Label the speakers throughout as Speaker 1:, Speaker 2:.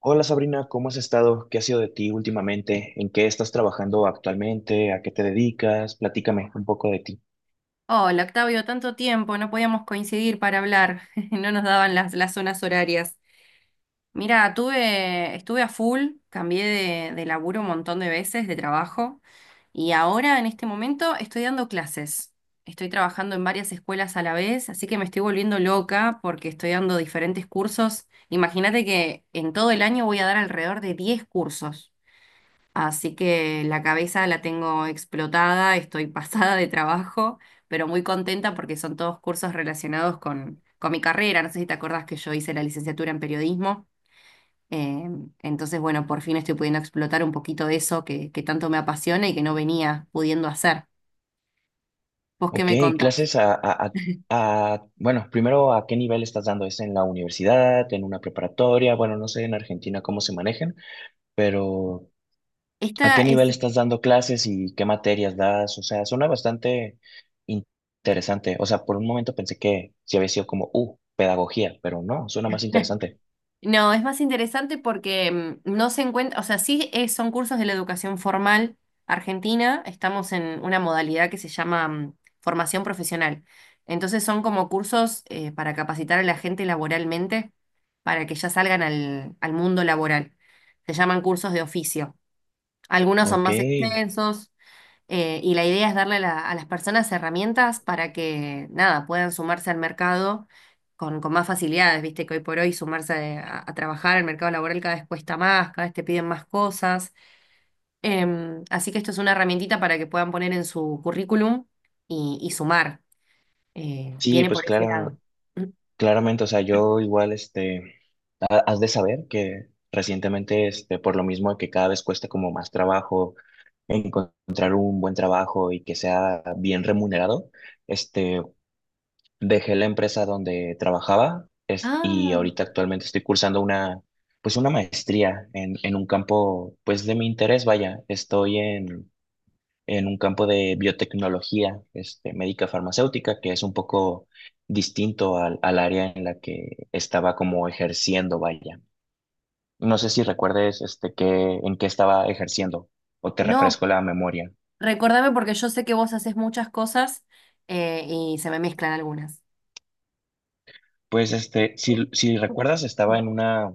Speaker 1: Hola Sabrina, ¿cómo has estado? ¿Qué ha sido de ti últimamente? ¿En qué estás trabajando actualmente? ¿A qué te dedicas? Platícame un poco de ti.
Speaker 2: Hola, Octavio, tanto tiempo, no podíamos coincidir para hablar, no nos daban las zonas horarias. Mira, estuve a full, cambié de laburo un montón de veces, de trabajo, y ahora en este momento estoy dando clases. Estoy trabajando en varias escuelas a la vez, así que me estoy volviendo loca porque estoy dando diferentes cursos. Imagínate que en todo el año voy a dar alrededor de 10 cursos. Así que la cabeza la tengo explotada, estoy pasada de trabajo, pero muy contenta porque son todos cursos relacionados con mi carrera. No sé si te acordás que yo hice la licenciatura en periodismo. eh, entonces, bueno, por fin estoy pudiendo explotar un poquito de eso que tanto me apasiona y que no venía pudiendo hacer. ¿Vos qué
Speaker 1: Ok.
Speaker 2: me contás?
Speaker 1: Clases bueno, primero, ¿a qué nivel estás dando? ¿Es en la universidad, en una preparatoria? Bueno, no sé en Argentina cómo se manejan, pero ¿a
Speaker 2: Esta
Speaker 1: qué nivel
Speaker 2: es...
Speaker 1: estás dando clases y qué materias das? O sea, suena bastante in- interesante. O sea, por un momento pensé que sí había sido como, pedagogía, pero no, suena más interesante.
Speaker 2: No, es más interesante porque no se encuentra, o sea, son cursos de la educación formal argentina, estamos en una modalidad que se llama formación profesional. Entonces son como cursos para capacitar a la gente laboralmente, para que ya salgan al mundo laboral. Se llaman cursos de oficio. Algunos son
Speaker 1: Ok.
Speaker 2: más extensos. Y la idea es a las personas herramientas para que, nada, puedan sumarse al mercado con más facilidades, viste que hoy por hoy sumarse a trabajar al mercado laboral cada vez cuesta más, cada vez te piden más cosas. Así que esto es una herramientita para que puedan poner en su currículum y sumar.
Speaker 1: Sí,
Speaker 2: Viene
Speaker 1: pues
Speaker 2: por ese
Speaker 1: claro,
Speaker 2: lado.
Speaker 1: claramente, o sea, yo igual, este, has de saber que recientemente, este, por lo mismo de que cada vez cuesta como más trabajo encontrar un buen trabajo y que sea bien remunerado, este, dejé la empresa donde trabajaba, y
Speaker 2: Ah,
Speaker 1: ahorita actualmente estoy cursando una, pues una maestría en un campo, pues de mi interés, vaya, estoy en un campo de biotecnología, este, médica farmacéutica, que es un poco distinto al área en la que estaba como ejerciendo, vaya. No sé si recuerdes este, que, en qué estaba ejerciendo o te
Speaker 2: no,
Speaker 1: refresco la memoria.
Speaker 2: recordame porque yo sé que vos haces muchas cosas y se me mezclan algunas.
Speaker 1: Pues este, si recuerdas, estaba en una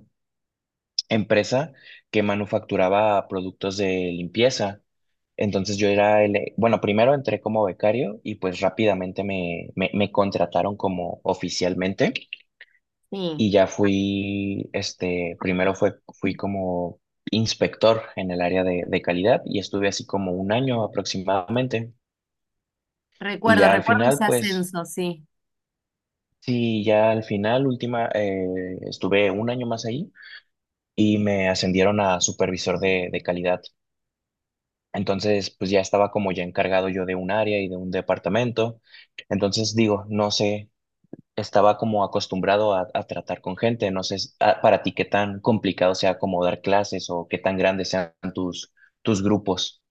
Speaker 1: empresa que manufacturaba productos de limpieza. Entonces yo era bueno, primero entré como becario y pues rápidamente me contrataron como oficialmente.
Speaker 2: Sí.
Speaker 1: Y ya fui, este, primero fui como inspector en el área de calidad y estuve así como un año aproximadamente. Y ya al
Speaker 2: Recuerdo ese
Speaker 1: final, pues,
Speaker 2: ascenso, sí.
Speaker 1: sí, ya al final, última, estuve un año más ahí y me ascendieron a supervisor de calidad. Entonces, pues ya estaba como ya encargado yo de un área y de un departamento. Entonces, digo, no sé, estaba como acostumbrado a tratar con gente. No sé para ti qué tan complicado sea como dar clases o qué tan grandes sean tus grupos.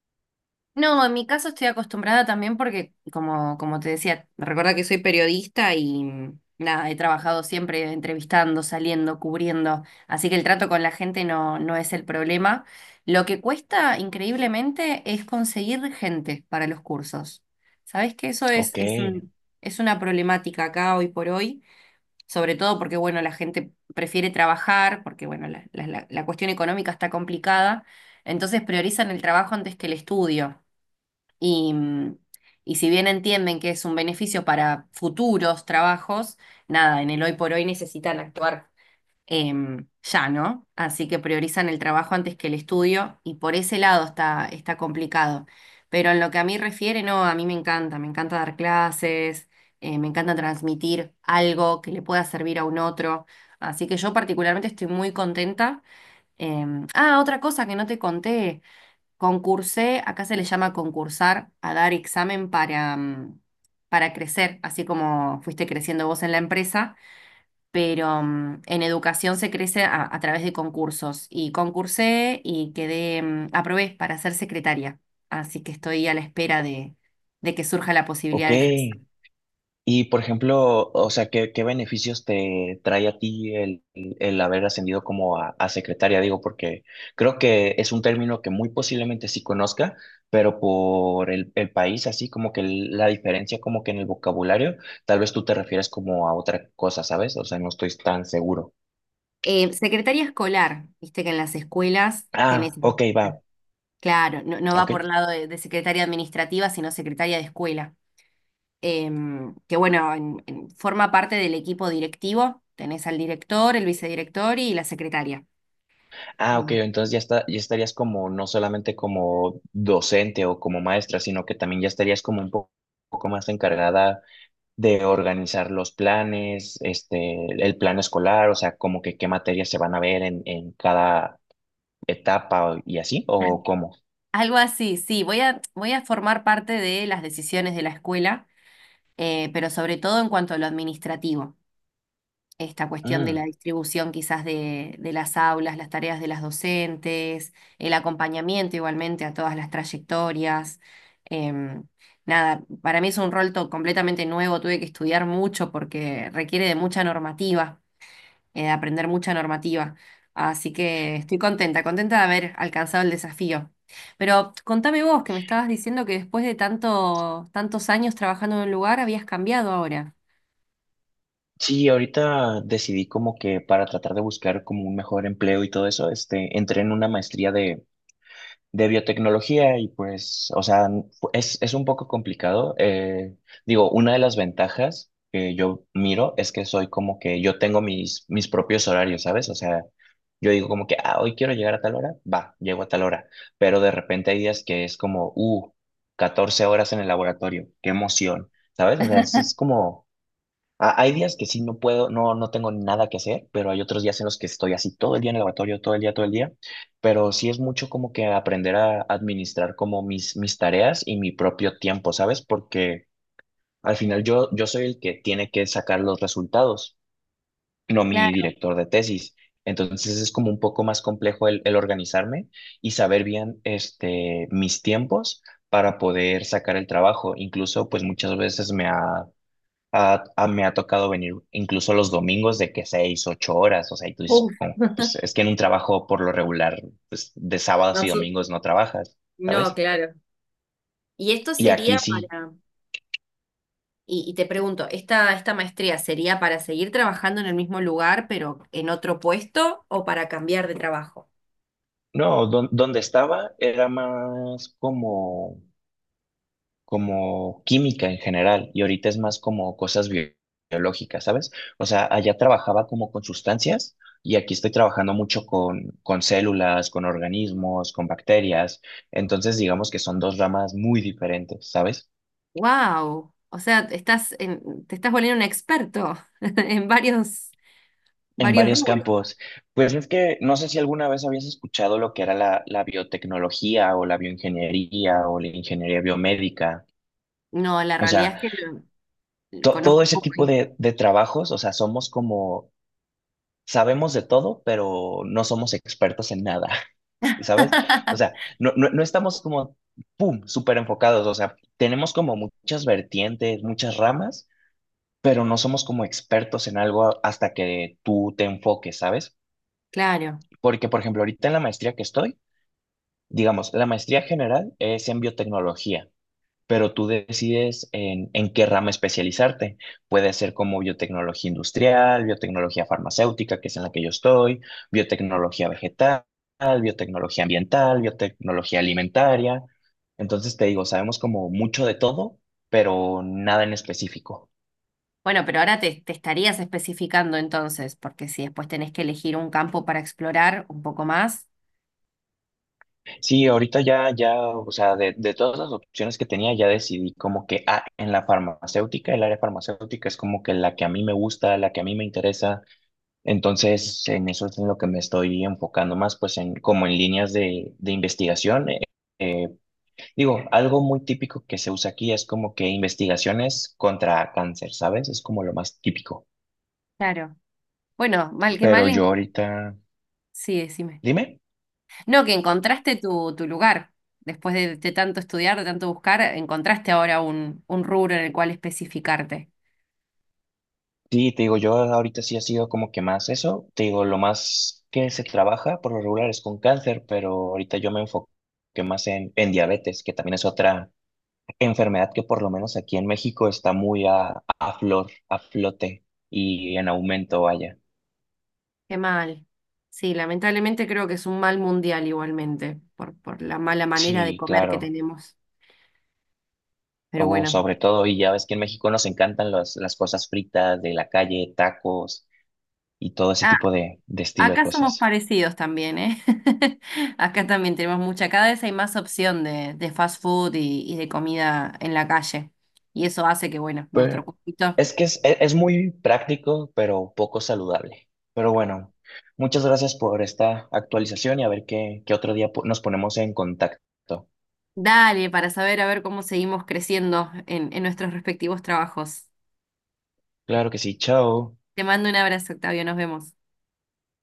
Speaker 2: No, en mi caso estoy acostumbrada también porque, como te decía, recuerda que soy periodista y nada, he trabajado siempre entrevistando, saliendo, cubriendo, así que el trato con la gente no es el problema. Lo que cuesta increíblemente es conseguir gente para los cursos. ¿Sabes que eso
Speaker 1: Ok,
Speaker 2: es una problemática acá hoy por hoy? Sobre todo porque, bueno, la gente prefiere trabajar, porque, bueno, la cuestión económica está complicada, entonces priorizan el trabajo antes que el estudio. Y, y si bien entienden que es un beneficio para futuros trabajos, nada, en el hoy por hoy necesitan actuar ya, ¿no? Así que priorizan el trabajo antes que el estudio y por ese lado está complicado. Pero en lo que a mí refiere, no, a mí me encanta dar clases, me encanta transmitir algo que le pueda servir a un otro. Así que yo particularmente estoy muy contenta. Ah, otra cosa que no te conté, concursé, acá se le llama concursar, a dar examen para, para crecer, así como fuiste creciendo vos en la empresa pero en educación se crece a través de concursos y concursé y quedé, aprobé para ser secretaria, así que estoy a la espera de que surja la posibilidad
Speaker 1: ok.
Speaker 2: de ejercer.
Speaker 1: Y por ejemplo, o sea, ¿qué beneficios te trae a ti el haber ascendido como a secretaria? Digo, porque creo que es un término que muy posiblemente sí conozca, pero por el país, así como que la diferencia como que en el vocabulario, tal vez tú te refieres como a otra cosa, ¿sabes? O sea, no estoy tan seguro.
Speaker 2: Secretaria escolar, viste que en las escuelas tenés,
Speaker 1: Ah, ok, va.
Speaker 2: claro, no, no va
Speaker 1: Ok.
Speaker 2: por lado de secretaria administrativa, sino secretaria de escuela. Que bueno, forma parte del equipo directivo, tenés al director, el vicedirector y la secretaria.
Speaker 1: Ah, ok, entonces ya está, ya estarías como, no solamente como docente o como maestra, sino que también ya estarías como un poco más encargada de organizar los planes, este, el plan escolar, o sea, como que qué materias se van a ver en cada etapa y así, o cómo.
Speaker 2: Algo así, sí, voy a formar parte de las decisiones de la escuela, pero sobre todo en cuanto a lo administrativo, esta cuestión de la
Speaker 1: Mm.
Speaker 2: distribución quizás de las aulas, las tareas de las docentes, el acompañamiento igualmente a todas las trayectorias. em, Nada, para mí es un rol completamente nuevo, tuve que estudiar mucho porque requiere de mucha normativa de aprender mucha normativa. Así que estoy contenta, contenta de haber alcanzado el desafío. Pero contame vos, que me estabas diciendo que después de tantos años trabajando en un lugar, habías cambiado ahora.
Speaker 1: Sí, ahorita decidí como que para tratar de buscar como un mejor empleo y todo eso, este, entré en una maestría de biotecnología y pues, o sea, es un poco complicado. Digo, una de las ventajas que yo miro es que soy como que yo tengo mis propios horarios, ¿sabes? O sea, yo digo como que, ah, hoy quiero llegar a tal hora, va, llego a tal hora, pero de repente hay días que es como, 14 horas en el laboratorio, qué emoción, ¿sabes? O sea, es como hay días que sí no puedo, no, no tengo nada que hacer, pero hay otros días en los que estoy así todo el día en el laboratorio, todo el día, todo el día. Pero sí es mucho como que aprender a administrar como mis tareas y mi propio tiempo, ¿sabes? Porque al final yo soy el que tiene que sacar los resultados, no mi
Speaker 2: Claro.
Speaker 1: director de tesis. Entonces es como un poco más complejo el organizarme y saber bien este, mis tiempos para poder sacar el trabajo. Incluso pues muchas veces me ha tocado venir incluso los domingos de que 6, 8 horas, o sea, y tú dices,
Speaker 2: Uf,
Speaker 1: como que, pues es que en un trabajo por lo regular, pues de sábados
Speaker 2: no,
Speaker 1: y domingos no trabajas,
Speaker 2: no,
Speaker 1: ¿sabes?
Speaker 2: claro. Y esto
Speaker 1: Y
Speaker 2: sería
Speaker 1: aquí sí,
Speaker 2: para, y te pregunto, esta maestría sería para seguir trabajando en el mismo lugar, pero en otro puesto, o para cambiar de trabajo?
Speaker 1: no, donde estaba era más como química en general y ahorita es más como cosas biológicas, ¿sabes? O sea, allá trabajaba como con sustancias y aquí estoy trabajando mucho con células, con organismos, con bacterias, entonces digamos que son dos ramas muy diferentes, ¿sabes?
Speaker 2: ¡Wow! O sea, te estás volviendo un experto en varios.
Speaker 1: En
Speaker 2: Varios
Speaker 1: varios
Speaker 2: rubros.
Speaker 1: campos. Pues es que no sé si alguna vez habías escuchado lo que era la biotecnología o la bioingeniería o la ingeniería biomédica.
Speaker 2: No, la
Speaker 1: O
Speaker 2: realidad
Speaker 1: sea,
Speaker 2: es que lo conozco
Speaker 1: todo
Speaker 2: un
Speaker 1: ese
Speaker 2: poco.
Speaker 1: tipo
Speaker 2: Ahí.
Speaker 1: de trabajos, o sea, somos como sabemos de todo, pero no somos expertos en nada, ¿sabes? O sea, no estamos como, ¡pum!, súper enfocados, o sea, tenemos como muchas vertientes, muchas ramas, pero no somos como expertos en algo hasta que tú te enfoques, ¿sabes?
Speaker 2: Claro.
Speaker 1: Porque, por ejemplo, ahorita en la maestría que estoy, digamos, la maestría general es en biotecnología, pero tú decides en qué rama especializarte. Puede ser como biotecnología industrial, biotecnología farmacéutica, que es en la que yo estoy, biotecnología vegetal, biotecnología ambiental, biotecnología alimentaria. Entonces te digo, sabemos como mucho de todo, pero nada en específico.
Speaker 2: Bueno, pero ahora te estarías especificando entonces, porque si después tenés que elegir un campo para explorar un poco más.
Speaker 1: Sí, ahorita ya, o sea, de todas las opciones que tenía, ya decidí como que ah, en la farmacéutica, el área farmacéutica es como que la que a mí me gusta, la que a mí me interesa. Entonces, en eso es en lo que me estoy enfocando más, pues en como en líneas de investigación. Eh, Digo, algo muy típico que se usa aquí es como que investigaciones contra cáncer, ¿sabes? Es como lo más típico.
Speaker 2: Claro. Bueno, mal que
Speaker 1: Pero
Speaker 2: mal,
Speaker 1: yo ahorita,
Speaker 2: sí, decime.
Speaker 1: dime.
Speaker 2: No, que encontraste tu lugar. Después de tanto estudiar, de tanto buscar, encontraste ahora un rubro en el cual especificarte.
Speaker 1: Sí, te digo, yo ahorita sí ha sido como que más eso. Te digo, lo más que se trabaja por lo regular es con cáncer, pero ahorita yo me enfoqué más en diabetes, que también es otra enfermedad que por lo menos aquí en México está muy a a flote y en aumento, vaya.
Speaker 2: Qué mal. Sí, lamentablemente creo que es un mal mundial igualmente, por la mala manera de
Speaker 1: Sí,
Speaker 2: comer que
Speaker 1: claro.
Speaker 2: tenemos. Pero
Speaker 1: Oh,
Speaker 2: bueno.
Speaker 1: sobre todo, y ya ves que en México nos encantan las cosas fritas de la calle, tacos y todo ese
Speaker 2: Ah,
Speaker 1: tipo de estilo de
Speaker 2: acá somos
Speaker 1: cosas.
Speaker 2: parecidos también, ¿eh? Acá también tenemos mucha, cada vez hay más opción de fast food y de comida en la calle. Y eso hace que, bueno, nuestro
Speaker 1: Pero
Speaker 2: cuerpito,
Speaker 1: es que es muy práctico, pero poco saludable. Pero bueno, muchas gracias por esta actualización y a ver qué otro día nos ponemos en contacto.
Speaker 2: dale, para saber a ver cómo seguimos creciendo en nuestros respectivos trabajos.
Speaker 1: Claro que sí, chao.
Speaker 2: Te mando un abrazo, Octavio, nos vemos.